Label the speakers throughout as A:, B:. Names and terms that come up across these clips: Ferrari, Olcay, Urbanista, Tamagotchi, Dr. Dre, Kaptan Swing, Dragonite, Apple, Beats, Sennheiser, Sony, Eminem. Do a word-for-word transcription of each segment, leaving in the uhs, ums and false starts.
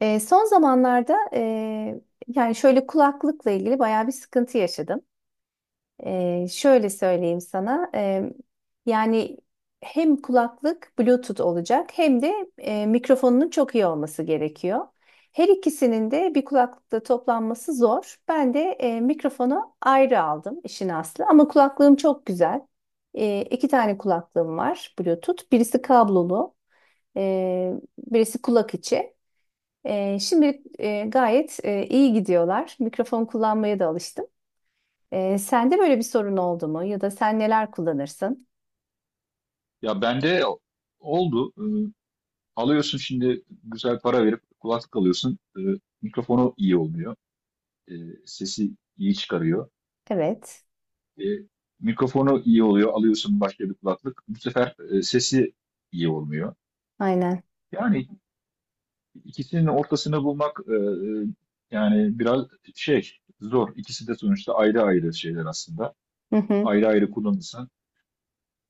A: E, son zamanlarda e, yani şöyle kulaklıkla ilgili bayağı bir sıkıntı yaşadım. E, şöyle söyleyeyim sana. e, yani hem kulaklık Bluetooth olacak hem de e, mikrofonunun çok iyi olması gerekiyor. Her ikisinin de bir kulaklıkta toplanması zor. Ben de e, mikrofonu ayrı aldım işin aslı ama kulaklığım çok güzel. E, iki tane kulaklığım var Bluetooth. Birisi kablolu, e, birisi kulak içi. Ee, şimdilik e, gayet e, iyi gidiyorlar. Mikrofon kullanmaya da alıştım. Ee, sende böyle bir sorun oldu mu? Ya da sen neler kullanırsın?
B: Ya bende oldu. Ee, alıyorsun şimdi güzel para verip kulaklık alıyorsun. Ee, mikrofonu iyi olmuyor. Ee, Sesi iyi çıkarıyor.
A: Evet,
B: Ee, Mikrofonu iyi oluyor. Alıyorsun başka bir kulaklık. Bu sefer e, sesi iyi olmuyor.
A: aynen.
B: Yani ikisinin ortasını bulmak e, e, yani biraz şey zor. İkisi de sonuçta ayrı ayrı şeyler aslında.
A: Hı hı,
B: Ayrı ayrı kullanırsan.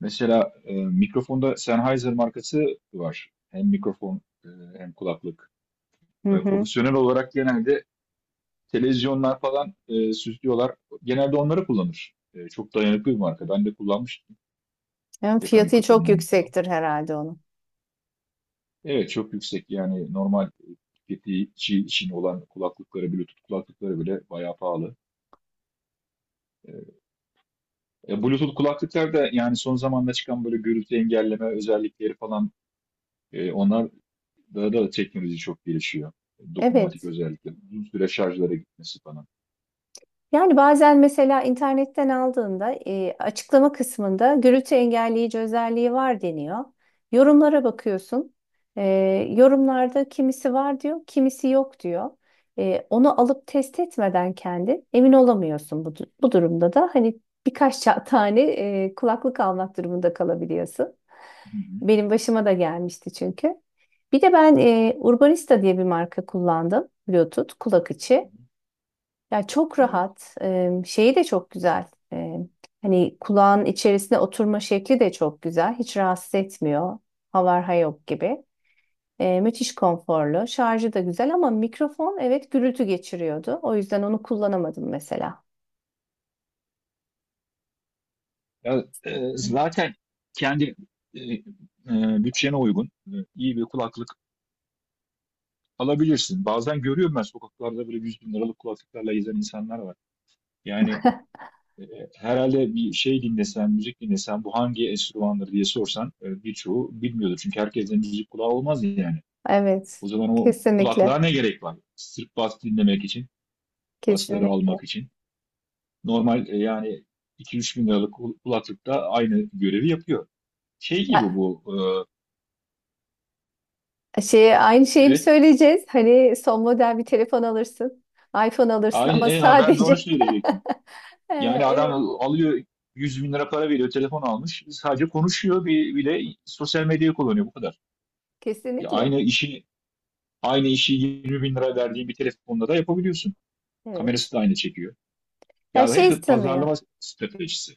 B: Mesela e, mikrofonda Sennheiser markası var. Hem mikrofon e, hem kulaklık.
A: hı
B: E,
A: hı.
B: profesyonel olarak genelde televizyonlar falan e, süslüyorlar. Genelde onları kullanır. E, çok dayanıklı bir marka. Ben de kullanmıştım
A: Yani
B: yaka
A: fiyatı çok
B: mikrofonlarını falan.
A: yüksektir herhalde onun.
B: Evet, çok yüksek yani normal e, tüketici için olan kulaklıkları, Bluetooth kulaklıkları bile bayağı pahalı. E, e, Bluetooth kulaklıklar da yani son zamanda çıkan böyle gürültü engelleme özellikleri falan e, onlar da, da teknoloji çok gelişiyor. Dokunmatik
A: Evet.
B: özellikle. Uzun süre şarjlara gitmesi falan.
A: Yani bazen mesela internetten aldığında e, açıklama kısmında gürültü engelleyici özelliği var deniyor. Yorumlara bakıyorsun. E, Yorumlarda kimisi var diyor, kimisi yok diyor. E, onu alıp test etmeden kendin emin olamıyorsun bu, du- bu durumda da. Hani birkaç ça- tane e, kulaklık almak durumunda kalabiliyorsun.
B: Hı hı.
A: Benim başıma da gelmişti çünkü. Bir de ben e, Urbanista diye bir marka kullandım. Bluetooth kulak içi. Ya çok
B: Evet.
A: rahat. Em, şeyi de çok güzel. Em, hani kulağın içerisine oturma şekli de çok güzel. Hiç rahatsız etmiyor. Havarha yok gibi. E, müthiş konforlu. Şarjı da güzel ama mikrofon evet gürültü geçiriyordu. O yüzden onu kullanamadım mesela.
B: Ya, e, zaten kendi e, e, bütçene uygun e, iyi bir kulaklık alabilirsin. Bazen görüyorum ben sokaklarda böyle yüz bin liralık kulaklıklarla gezen insanlar var. Yani e, herhalde bir şey dinlesen, müzik dinlesen bu hangi enstrümandır diye sorsan e, birçoğu bilmiyordur. Çünkü herkesin müzik kulağı olmaz yani. O
A: Evet.
B: zaman o kulaklığa
A: Kesinlikle.
B: ne gerek var? Sırf bas dinlemek için, basları
A: Kesinlikle.
B: almak için. Normal e, yani iki üç bin liralık kul- kulaklık da aynı görevi yapıyor. Şey gibi
A: Ya
B: bu,
A: şey aynı
B: e,
A: şeyi bir
B: evet.
A: söyleyeceğiz. Hani son model bir telefon alırsın. iPhone alırsın
B: Aynen,
A: ama
B: e, ha, ben de onu
A: sadece
B: söyleyecektim.
A: Ee,
B: Yani adam
A: evet
B: alıyor yüz bin lira para veriyor, telefon almış. Sadece konuşuyor bir, bir de sosyal medyayı kullanıyor bu kadar. Ya
A: kesinlikle.
B: aynı işi aynı işi yirmi bin lira verdiğin bir telefonda da yapabiliyorsun.
A: Evet.
B: Kamerası da aynı çekiyor.
A: Ya
B: Yani
A: şey
B: hep
A: sanıyor.
B: pazarlama stratejisi.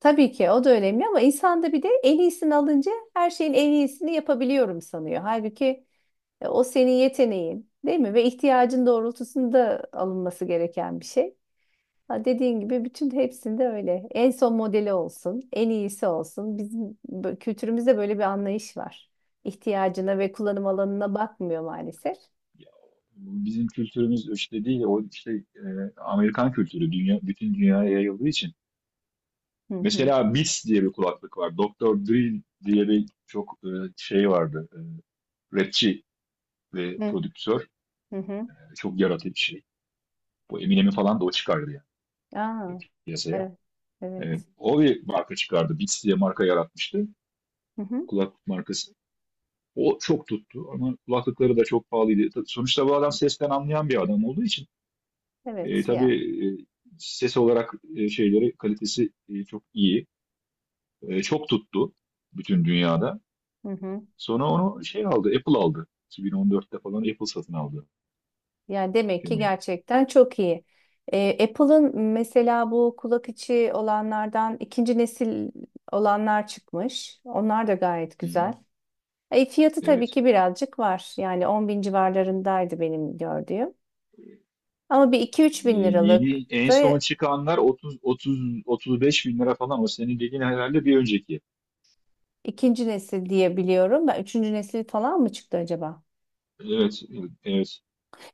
A: Tabii ki o da önemli ama insan da bir de en iyisini alınca her şeyin en iyisini yapabiliyorum sanıyor. Halbuki e, o senin yeteneğin, değil mi? Ve ihtiyacın doğrultusunda alınması gereken bir şey. Ha dediğin gibi bütün hepsinde öyle. En son modeli olsun, en iyisi olsun. Bizim bö- kültürümüzde böyle bir anlayış var. İhtiyacına ve kullanım alanına bakmıyor maalesef.
B: Ya, bizim kültürümüz işte değil, o işte e, Amerikan kültürü dünya, bütün dünyaya yayıldığı için.
A: Hı hı.
B: Mesela Beats diye bir kulaklık var. doktor Dre diye bir çok e, şey vardı. E, rapçi ve
A: Hı
B: prodüktör,
A: hı. Hı.
B: e, çok yaratıcı bir şey. Bu Eminem'i falan da o çıkardı yani, e,
A: Aa,
B: piyasaya.
A: evet.
B: E,
A: Evet.
B: o bir marka çıkardı. Beats diye marka yaratmıştı.
A: Hı hı.
B: Kulaklık markası. O çok tuttu ama kulaklıkları da çok pahalıydı. Sonuçta bu adam sesten anlayan bir adam olduğu için e,
A: Evet yani.
B: tabii, e, ses olarak e, şeyleri kalitesi e, çok iyi. E, çok tuttu bütün dünyada.
A: Hı hı.
B: Sonra onu şey aldı, Apple aldı. iki bin on dörtte falan Apple satın aldı
A: Yani demek ki
B: firmayı.
A: gerçekten çok iyi. Ee, Apple'ın mesela bu kulak içi olanlardan ikinci nesil olanlar çıkmış. Onlar da gayet
B: Hı hı.
A: güzel. E, fiyatı tabii
B: Evet.
A: ki birazcık var. Yani on bin civarlarındaydı benim gördüğüm. Ama bir iki üç
B: Ee,
A: bin liralık
B: yeni en son
A: da
B: çıkanlar otuz otuz otuz beş bin lira falan, o senin dediğin herhalde bir önceki.
A: ikinci nesil diye biliyorum. Ben üçüncü nesil falan mı çıktı acaba?
B: Evet, evet.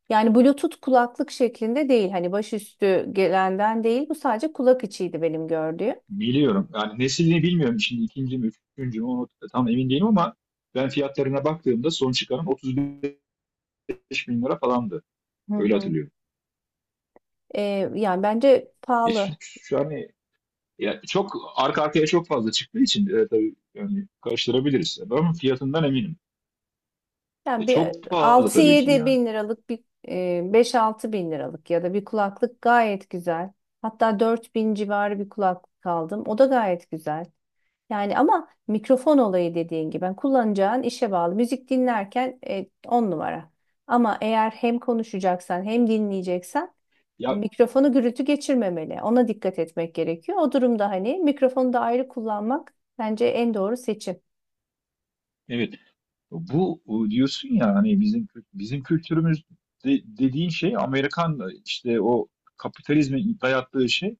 A: Yani Bluetooth kulaklık şeklinde değil. Hani başüstü gelenden değil. Bu sadece kulak içiydi benim gördüğüm.
B: Biliyorum. Yani neslini bilmiyorum şimdi, ikinci mi üçüncü mü, onu tam emin değilim ama ben fiyatlarına baktığımda son çıkaran otuz beş bin lira falandı.
A: Hı
B: Öyle
A: hı.
B: hatırlıyorum.
A: Ee, Yani bence
B: E, şu,
A: pahalı.
B: şu an, e, ya çok arka arkaya çok fazla çıktığı için e, tabii yani karıştırabiliriz. Ama fiyatından eminim.
A: Yani
B: E,
A: bir
B: çok pahalı
A: altı
B: tabii ki
A: yedi
B: yani.
A: bin liralık bir e, beş altı bin liralık ya da bir kulaklık gayet güzel. Hatta dört bin civarı bir kulaklık aldım. O da gayet güzel. Yani ama mikrofon olayı dediğin gibi ben kullanacağın işe bağlı. Müzik dinlerken e, on numara. Ama eğer hem konuşacaksan hem dinleyeceksen
B: Ya,
A: mikrofonu gürültü geçirmemeli. Ona dikkat etmek gerekiyor. O durumda hani mikrofonu da ayrı kullanmak bence en doğru seçim.
B: evet. Bu e, diyorsun ya, hani bizim kü- bizim kültürümüz de- dediğin şey, Amerikan e, işte o kapitalizmin dayattığı şey.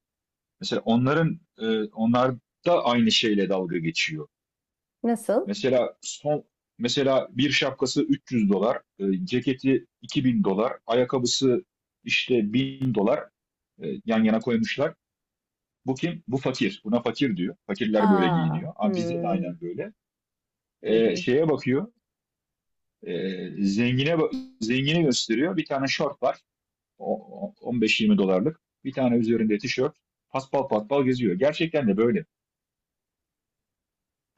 B: Mesela onların e, onlar da aynı şeyle dalga geçiyor.
A: Nasıl?
B: Mesela son, mesela bir şapkası üç yüz dolar, e, ceketi iki bin dolar, ayakkabısı işte bin dolar, e, yan yana koymuşlar. Bu kim? Bu fakir. Buna fakir diyor. Fakirler böyle
A: Aa,
B: giyiniyor. Ama bizde de
A: hmm,
B: aynen böyle.
A: hı
B: E,
A: hı.
B: şeye bakıyor. Ee, zengine zengini gösteriyor. Bir tane şort var. O- o- on beş yirmi dolarlık. Bir tane üzerinde tişört. Paspal paspal geziyor. Gerçekten de böyle.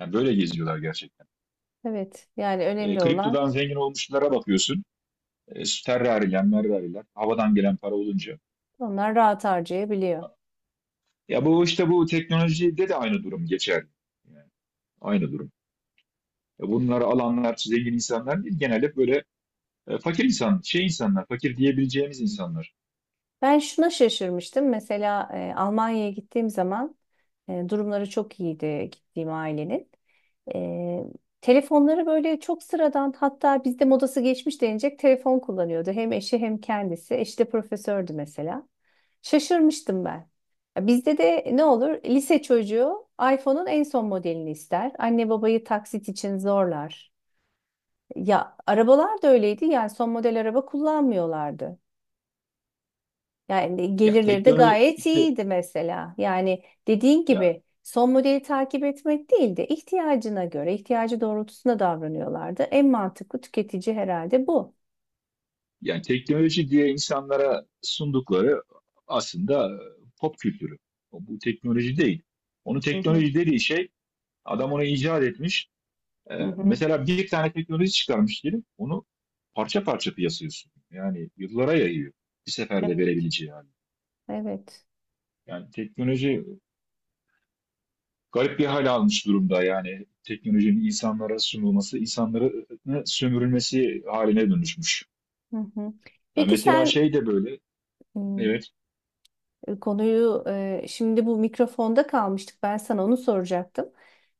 B: Yani böyle geziyorlar gerçekten.
A: Evet, yani
B: Ee,
A: önemli olan
B: kriptodan zengin olmuşlara bakıyorsun. E, Ferrari'ler, Merrari'ler. Havadan gelen para olunca.
A: onlar rahat harcayabiliyor.
B: Ya bu işte bu teknolojide de aynı durum geçerli. Yani aynı durum. Ya bunları alanlar zengin insanlar değil. Genelde böyle e, fakir insan, şey insanlar, fakir diyebileceğimiz insanlar.
A: Ben şuna şaşırmıştım. Mesela e, Almanya'ya gittiğim zaman e, durumları çok iyiydi gittiğim ailenin. Ee, Telefonları böyle çok sıradan hatta bizde modası geçmiş denilecek telefon kullanıyordu. Hem eşi hem kendisi. Eşi de profesördü mesela. Şaşırmıştım ben. Ya bizde de ne olur lise çocuğu iPhone'un en son modelini ister. Anne babayı taksit için zorlar. Ya arabalar da öyleydi yani son model araba kullanmıyorlardı. Yani
B: Ya
A: gelirleri de
B: teknoloji
A: gayet
B: işte,
A: iyiydi mesela. Yani dediğin
B: ya,
A: gibi son modeli takip etmek değil de ihtiyacına göre, ihtiyacı doğrultusunda davranıyorlardı. En mantıklı tüketici herhalde bu.
B: yani teknoloji diye insanlara sundukları aslında pop kültürü. Bu teknoloji değil. Onu
A: Hı hı,
B: teknoloji dediği şey adam onu icat etmiş. Ee,
A: hı hı.
B: mesela bir tane teknoloji çıkarmış diyelim. Onu parça parça piyasaya sunuyor. Yani yıllara yayıyor. Bir seferde
A: Evet.
B: verebileceği hali.
A: Evet.
B: Yani teknoloji garip bir hal almış durumda. Yani teknolojinin insanlara sunulması, insanların sömürülmesi haline dönüşmüş.
A: Hı hı.
B: Ya
A: Peki
B: mesela
A: sen
B: şey de böyle.
A: hmm,
B: Evet,
A: e, konuyu e, şimdi bu mikrofonda kalmıştık. Ben sana onu soracaktım.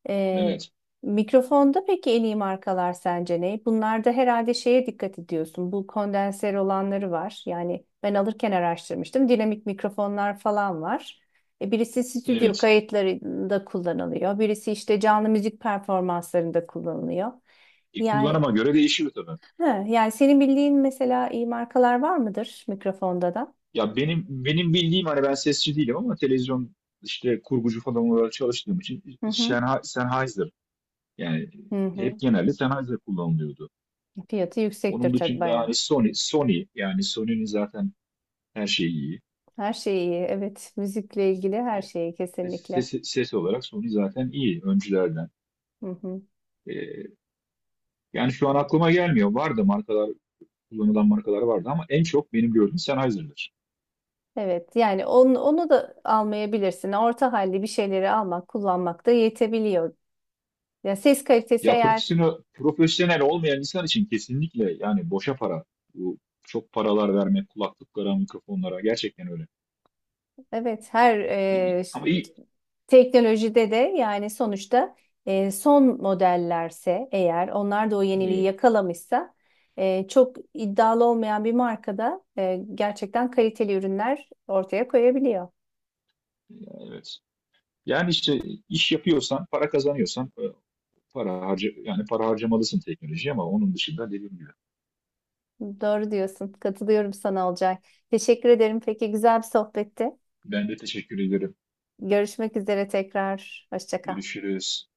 A: E,
B: evet,
A: Mikrofonda peki en iyi markalar sence ne? Bunlarda herhalde şeye dikkat ediyorsun. Bu kondenser olanları var. Yani ben alırken araştırmıştım. Dinamik mikrofonlar falan var. E, birisi stüdyo
B: evet.
A: kayıtlarında kullanılıyor. Birisi işte canlı müzik performanslarında kullanılıyor.
B: E,
A: Yani
B: kullanıma göre değişiyor tabii.
A: he, yani senin bildiğin mesela iyi markalar var mıdır mikrofonda da?
B: Ya benim benim bildiğim, hani ben sesçi değilim ama televizyon işte kurgucu falan olarak çalıştığım için
A: Hı hı.
B: Sennha- Sennheiser, yani
A: Hı
B: hep
A: hı.
B: genelde Sennheiser kullanılıyordu.
A: Fiyatı
B: Onun
A: yüksektir tabii
B: dışında hani
A: bayağı.
B: Sony Sony yani Sony'nin zaten her şeyi iyi.
A: Her şey iyi. Evet, müzikle ilgili her
B: Ya,
A: şeyi
B: Ses,
A: kesinlikle.
B: ses olarak Sony zaten iyi öncülerden.
A: Hı hı.
B: E, Yani şu an aklıma gelmiyor. Vardı markalar Kullanılan markalar vardı ama en çok benim gördüğüm Sennheiser'dır.
A: Evet, yani onu, onu da almayabilirsin. Orta halli bir şeyleri almak, kullanmak da yetebiliyor. Ya ses kalitesi
B: Ya
A: eğer
B: profesyonel, profesyonel olmayan insan için kesinlikle, yani boşa para. Bu çok paralar vermek kulaklıklara, mikrofonlara gerçekten öyle.
A: evet her
B: İyi-
A: e, ş-
B: Ama iyi,
A: teknolojide de yani sonuçta e, son modellerse eğer onlar da o yeniliği
B: evet.
A: yakalamışsa e, çok iddialı olmayan bir markada e, gerçekten kaliteli ürünler ortaya koyabiliyor.
B: Evet. Yani işte iş yapıyorsan, para kazanıyorsan, e, para harca yani para harcamalısın teknolojiye ama onun dışında dediğim gibi.
A: Doğru diyorsun. Katılıyorum sana Olcay. Teşekkür ederim. Peki güzel bir sohbetti.
B: Ben de teşekkür ederim.
A: Görüşmek üzere tekrar. Hoşça kal.
B: Görüşürüz.